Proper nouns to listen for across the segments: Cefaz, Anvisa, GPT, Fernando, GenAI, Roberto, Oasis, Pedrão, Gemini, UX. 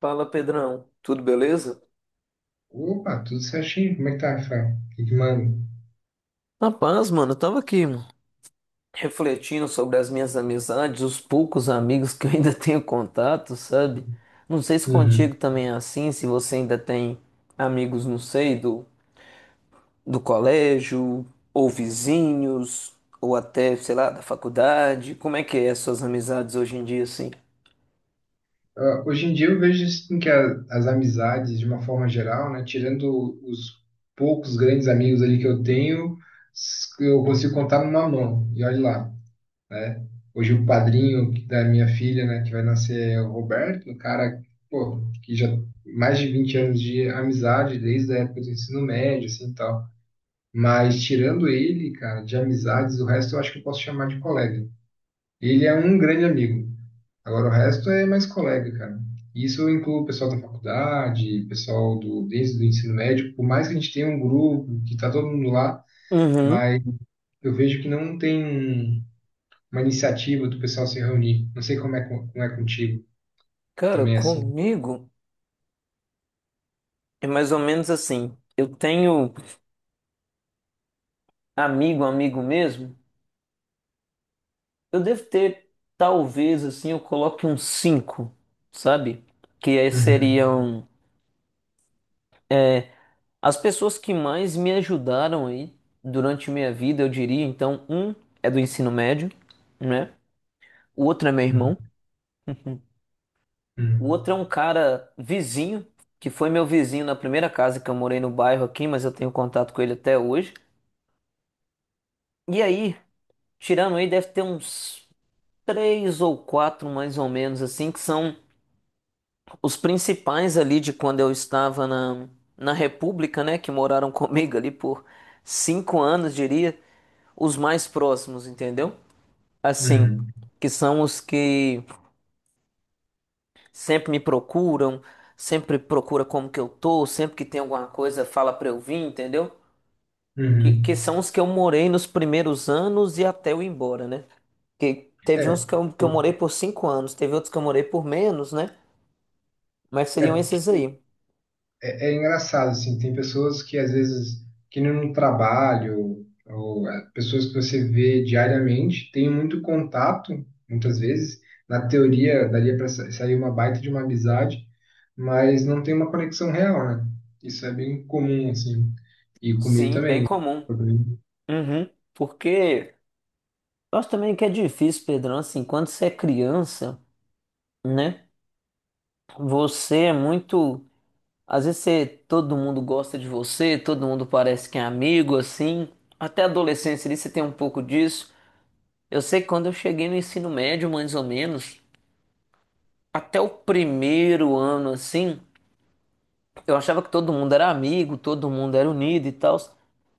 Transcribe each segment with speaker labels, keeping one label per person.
Speaker 1: Fala, Pedrão. Tudo beleza?
Speaker 2: Opa, tudo certinho? Como é que tá, Rafael? O que que manda?
Speaker 1: Rapaz, mano, eu tava aqui mano, refletindo sobre as minhas amizades, os poucos amigos que eu ainda tenho contato, sabe? Não sei se contigo
Speaker 2: Uhum.
Speaker 1: também é assim, se você ainda tem amigos, não sei, do colégio, ou vizinhos, ou até, sei lá, da faculdade. Como é que é as suas amizades hoje em dia, assim?
Speaker 2: Ah, hoje em dia eu vejo assim, que as amizades, de uma forma geral, né, tirando os poucos grandes amigos ali que eu tenho, eu consigo contar numa mão. E olha lá, né? Hoje o padrinho da minha filha, né, que vai nascer é o Roberto, um cara, pô, que já mais de 20 anos de amizade desde a época do ensino médio, assim, e tal. Mas tirando ele, cara, de amizades, o resto eu acho que eu posso chamar de colega. Ele é um grande amigo. Agora o resto é mais colega, cara. Isso inclui o pessoal da faculdade, pessoal do desde o ensino médio, por mais que a gente tenha um grupo que está todo mundo lá,
Speaker 1: Uhum.
Speaker 2: mas eu vejo que não tem uma iniciativa do pessoal se reunir. Não sei como é, como é contigo,
Speaker 1: Cara,
Speaker 2: também é assim.
Speaker 1: comigo é mais ou menos assim. Eu tenho amigo, amigo mesmo. Eu devo ter, talvez, assim, eu coloque uns cinco, sabe? Que aí
Speaker 2: Uhum,
Speaker 1: seriam as pessoas que mais me ajudaram aí durante minha vida, eu diria. Então, um é do ensino médio, né? O outro é meu
Speaker 2: uhum,
Speaker 1: irmão. O outro é
Speaker 2: uhum,
Speaker 1: um cara vizinho, que foi meu vizinho na primeira casa que eu morei no bairro aqui, mas eu tenho contato com ele até hoje. E aí, tirando aí, deve ter uns três ou quatro, mais ou menos, assim, que são. Os principais ali de quando eu estava na, na República, né, que moraram comigo ali por cinco anos, diria, os mais próximos, entendeu? Assim,
Speaker 2: uhum,
Speaker 1: que são os que sempre me procuram, sempre procura como que eu tô, sempre que tem alguma coisa fala pra eu vir, entendeu? Que,
Speaker 2: uhum.
Speaker 1: que são os que eu morei nos primeiros anos e até eu ir embora, né? Que teve uns
Speaker 2: É,
Speaker 1: que eu
Speaker 2: por-
Speaker 1: morei por cinco anos, teve outros que eu morei por menos, né? Mas seriam
Speaker 2: é.
Speaker 1: esses aí.
Speaker 2: É, é engraçado, assim, tem pessoas que às vezes, que nem no trabalho, ou é, pessoas que você vê diariamente, tem muito contato, muitas vezes, na teoria daria para sair uma baita de uma amizade, mas não tem uma conexão real, né? Isso é bem comum, assim, e comigo
Speaker 1: Sim, bem
Speaker 2: também.
Speaker 1: comum.
Speaker 2: Foi bem-
Speaker 1: Uhum. Porque eu acho também que é difícil, Pedrão, assim, quando você é criança, né? Você é muito. Às vezes você, todo mundo gosta de você, todo mundo parece que é amigo, assim. Até a adolescência ali você tem um pouco disso. Eu sei que quando eu cheguei no ensino médio, mais ou menos, até o primeiro ano, assim, eu achava que todo mundo era amigo, todo mundo era unido e tal.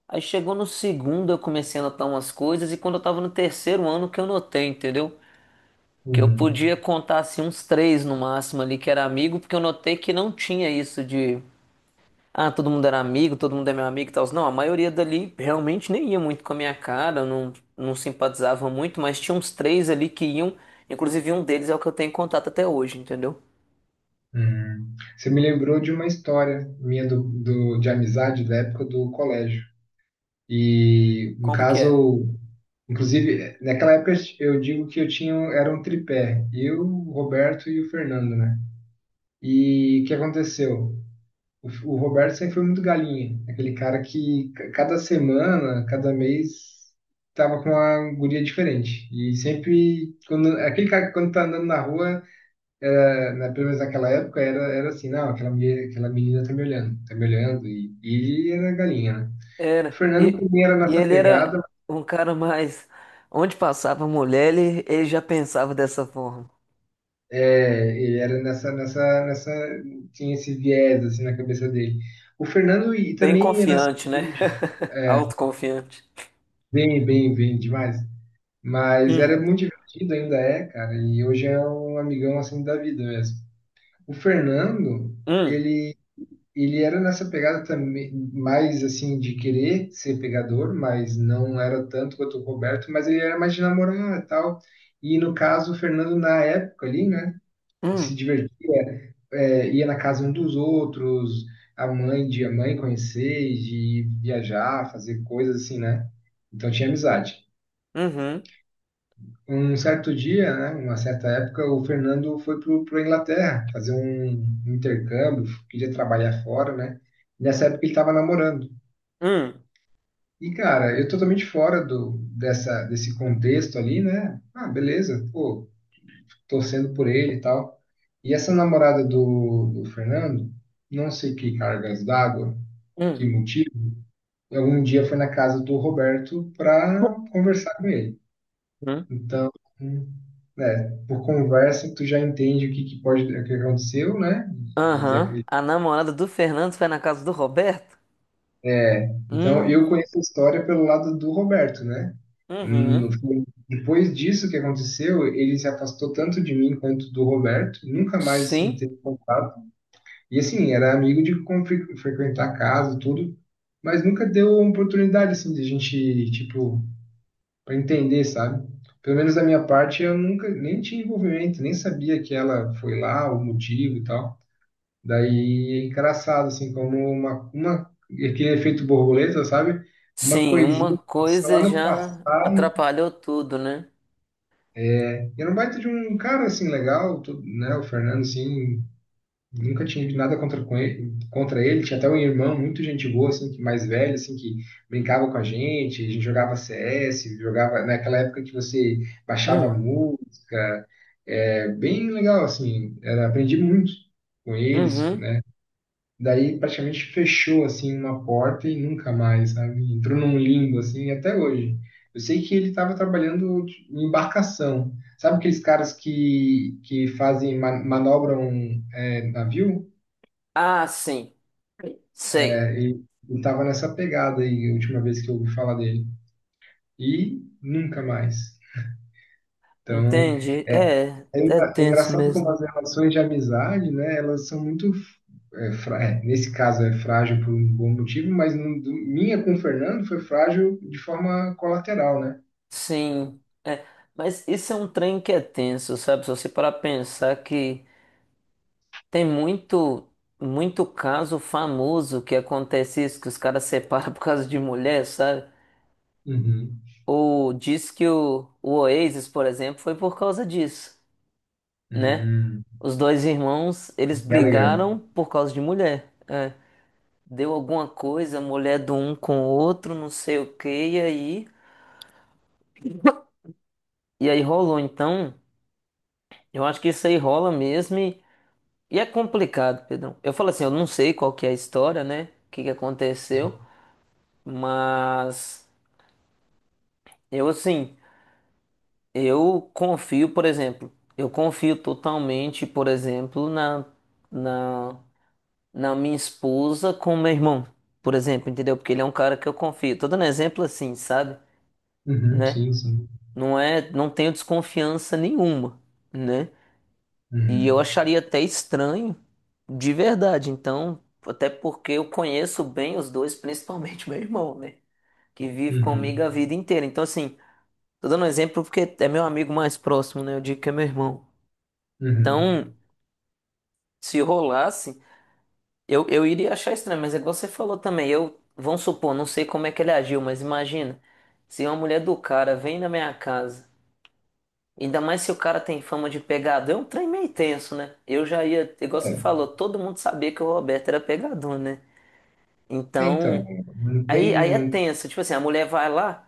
Speaker 1: Aí chegou no segundo, eu comecei a notar umas coisas, e quando eu tava no terceiro ano que eu notei, entendeu? Que eu
Speaker 2: Uhum.
Speaker 1: podia contar assim uns três no máximo ali que era amigo, porque eu notei que não tinha isso de ah, todo mundo era amigo, todo mundo é meu amigo e tal. Não, a maioria dali realmente nem ia muito com a minha cara, não, não simpatizava muito, mas tinha uns três ali que iam, inclusive um deles é o que eu tenho contato até hoje, entendeu?
Speaker 2: Uhum. Você me lembrou de uma história minha de amizade da época do colégio. E, no
Speaker 1: Como que é?
Speaker 2: caso, inclusive, naquela época eu digo que eu tinha, era um tripé, eu, o Roberto e o Fernando, né? E o que aconteceu? O, o Roberto sempre foi muito galinha, aquele cara que cada semana, cada mês, tava com uma guria diferente. E sempre, quando, aquele cara que quando tá andando na rua, pelo menos naquela época, era, era assim, não, aquela, aquela menina tá me olhando, e ele era galinha, né? O
Speaker 1: Era.
Speaker 2: Fernando
Speaker 1: E,
Speaker 2: também era
Speaker 1: e
Speaker 2: nessa
Speaker 1: ele era
Speaker 2: pegada.
Speaker 1: um cara mais. Onde passava mulher, ele já pensava dessa forma.
Speaker 2: É, ele era nessa, tinha esse viés assim na cabeça dele. O Fernando e
Speaker 1: Bem
Speaker 2: também ia nessa
Speaker 1: confiante, né?
Speaker 2: origem,
Speaker 1: Autoconfiante.
Speaker 2: bem, bem, bem demais. Mas era
Speaker 1: Hum,
Speaker 2: muito divertido, ainda é, cara. E hoje é um amigão assim da vida mesmo. O Fernando,
Speaker 1: hum,
Speaker 2: ele, ele era nessa pegada também, mais assim de querer ser pegador, mas não era tanto quanto o Roberto. Mas ele era mais de namorar e tal. E no caso, o Fernando na época ali, né? Se
Speaker 1: hum.
Speaker 2: divertia, é, é, ia na casa um dos outros, a mãe conhecer, de viajar, fazer coisas assim, né? Então tinha amizade.
Speaker 1: Uhum.
Speaker 2: Um certo dia, né, uma certa época, o Fernando foi para a Inglaterra fazer um intercâmbio, queria trabalhar fora, né? Nessa época ele estava namorando.
Speaker 1: Hum.
Speaker 2: E, cara, eu totalmente fora desse contexto ali, né? Ah, beleza, pô, torcendo por ele e tal. E essa namorada do Fernando, não sei que cargas d'água, que
Speaker 1: Hum.
Speaker 2: motivo, algum dia foi na casa do Roberto para conversar com ele.
Speaker 1: Hum.
Speaker 2: Então, né, por conversa, tu já entende que pode, o que aconteceu, né? E ele,
Speaker 1: Aham. A namorada do Fernando foi na casa do Roberto?
Speaker 2: é,
Speaker 1: Hum.
Speaker 2: eu conheço a história pelo lado do Roberto, né?
Speaker 1: Uhum.
Speaker 2: No fim, depois disso que aconteceu, ele se afastou tanto de mim quanto do Roberto, nunca mais assim
Speaker 1: Sim.
Speaker 2: teve contato. E assim, era amigo de frequentar a casa, tudo, mas nunca deu uma oportunidade assim de a gente, tipo, para entender, sabe? Pelo menos da minha parte, eu nunca nem tinha envolvimento, nem sabia que ela foi lá, o motivo e tal. Daí é engraçado, assim, como uma aquele efeito borboleta, sabe? Uma
Speaker 1: Sim, uma
Speaker 2: coisinha passa
Speaker 1: coisa
Speaker 2: lá no
Speaker 1: já
Speaker 2: passado, né?
Speaker 1: atrapalhou tudo, né?
Speaker 2: E era um baita de um cara assim legal, tudo, né? O Fernando, assim, nunca tive nada contra, com ele, contra ele. Tinha até um irmão muito gente boa, assim, que mais velho, assim, que brincava com a gente jogava CS, jogava naquela época que você baixava
Speaker 1: Hum.
Speaker 2: música. É bem legal, assim, era, aprendi muito com eles,
Speaker 1: Uhum.
Speaker 2: né? Daí praticamente fechou, assim, uma porta e nunca mais, sabe? Entrou num limbo, assim, até hoje. Eu sei que ele estava trabalhando em embarcação. Sabe aqueles caras que fazem, manobram, é, navio?
Speaker 1: Ah, sim. Sei.
Speaker 2: E, e nessa pegada aí, a última vez que eu ouvi falar dele. E nunca mais. Então,
Speaker 1: Entendi.
Speaker 2: é,
Speaker 1: É, é
Speaker 2: é
Speaker 1: tenso
Speaker 2: engraçado como
Speaker 1: mesmo.
Speaker 2: as relações de amizade, né, elas são muito, nesse caso é frágil por um bom motivo, mas minha com o Fernando foi frágil de forma colateral, né?
Speaker 1: Sim. É. Mas isso é um trem que é tenso, sabe? Se você parar pra pensar que tem muito, muito caso famoso que acontece isso, que os caras separam por causa de mulher, sabe?
Speaker 2: Uhum.
Speaker 1: Ou diz que o Oasis, por exemplo, foi por causa disso, né?
Speaker 2: Hum.
Speaker 1: Os dois irmãos, eles
Speaker 2: Gallagher.
Speaker 1: brigaram por causa de mulher. É. Deu alguma coisa, mulher do um com o outro, não sei o que e aí, rolou. Então, eu acho que isso aí rola mesmo e é complicado, Pedrão. Eu falo assim, eu não sei qual que é a história, né? O que que aconteceu, mas. Eu, assim, eu confio, por exemplo, eu confio totalmente, por exemplo, na, na minha esposa com meu irmão, por exemplo, entendeu? Porque ele é um cara que eu confio. Tô dando exemplo assim, sabe?
Speaker 2: Uhum,
Speaker 1: Né?
Speaker 2: sim, sim.
Speaker 1: Não é, não tenho desconfiança nenhuma, né? E eu
Speaker 2: Uhum.
Speaker 1: acharia até estranho, de verdade. Então, até porque eu conheço bem os dois, principalmente meu irmão, né? Que vive comigo
Speaker 2: Uhum.
Speaker 1: a vida inteira. Então, assim. Tô dando um exemplo porque é meu amigo mais próximo, né? Eu digo que é meu irmão.
Speaker 2: Uhum.
Speaker 1: Então, se rolasse, eu iria achar estranho, mas é igual você falou também. Eu, vamos supor, não sei como é que ele agiu, mas imagina, se uma mulher do cara vem na minha casa, ainda mais se o cara tem fama de pegador, é um trem meio tenso, né? Eu já ia, igual você
Speaker 2: É,
Speaker 1: falou, todo mundo sabia que o Roberto era pegador, né?
Speaker 2: então,
Speaker 1: Então,
Speaker 2: não
Speaker 1: aí, é
Speaker 2: tem.
Speaker 1: tenso. Tipo assim, a mulher vai lá.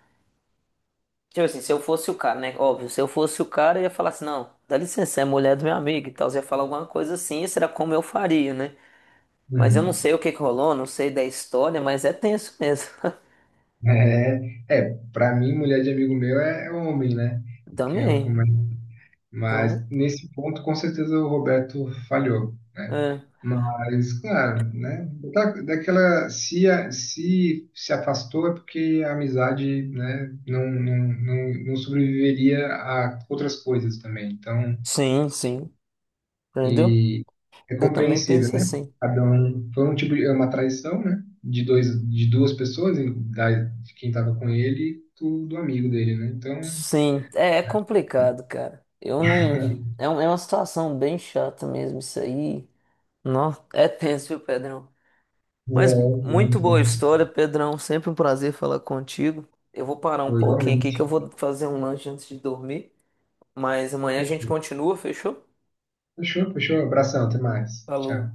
Speaker 1: Tipo assim, se eu fosse o cara, né? Óbvio, se eu fosse o cara, eu ia falar assim, não, dá licença, é mulher do meu amigo e tal. Você ia falar alguma coisa assim, será como eu faria, né? Mas eu não
Speaker 2: Uhum.
Speaker 1: sei o que que rolou, não sei da história, mas é tenso mesmo.
Speaker 2: É, é, para mim, mulher de amigo meu é, é homem, né? Que eu
Speaker 1: Também.
Speaker 2: comento.
Speaker 1: Então,
Speaker 2: Mas nesse ponto, com certeza, o Roberto falhou, né?
Speaker 1: é.
Speaker 2: Mas, claro, né? Da, daquela, se, a- se se afastou é porque a amizade, né, não, não, não, não sobreviveria a outras coisas também. Então,
Speaker 1: Sim, sim. Entendeu?
Speaker 2: e é
Speaker 1: Eu também
Speaker 2: compreensível,
Speaker 1: penso
Speaker 2: né?
Speaker 1: assim.
Speaker 2: Cada um foi um tipo de é uma traição, né? De duas pessoas, e de quem estava com ele e do amigo dele, né? Então,
Speaker 1: Sim, é, é complicado, cara. Eu
Speaker 2: é,
Speaker 1: não.
Speaker 2: é,
Speaker 1: É, é uma situação bem chata mesmo, isso aí. Nossa, é tenso, viu, Pedrão?
Speaker 2: é,
Speaker 1: Mas muito boa história, Pedrão. Sempre um prazer falar contigo. Eu vou parar um
Speaker 2: foi
Speaker 1: pouquinho aqui
Speaker 2: igualmente.
Speaker 1: que eu vou fazer um lanche antes de dormir. Mas amanhã a gente
Speaker 2: Fechou.
Speaker 1: continua, fechou?
Speaker 2: Fechou, fechou. Abração, até mais. Tchau.
Speaker 1: Falou.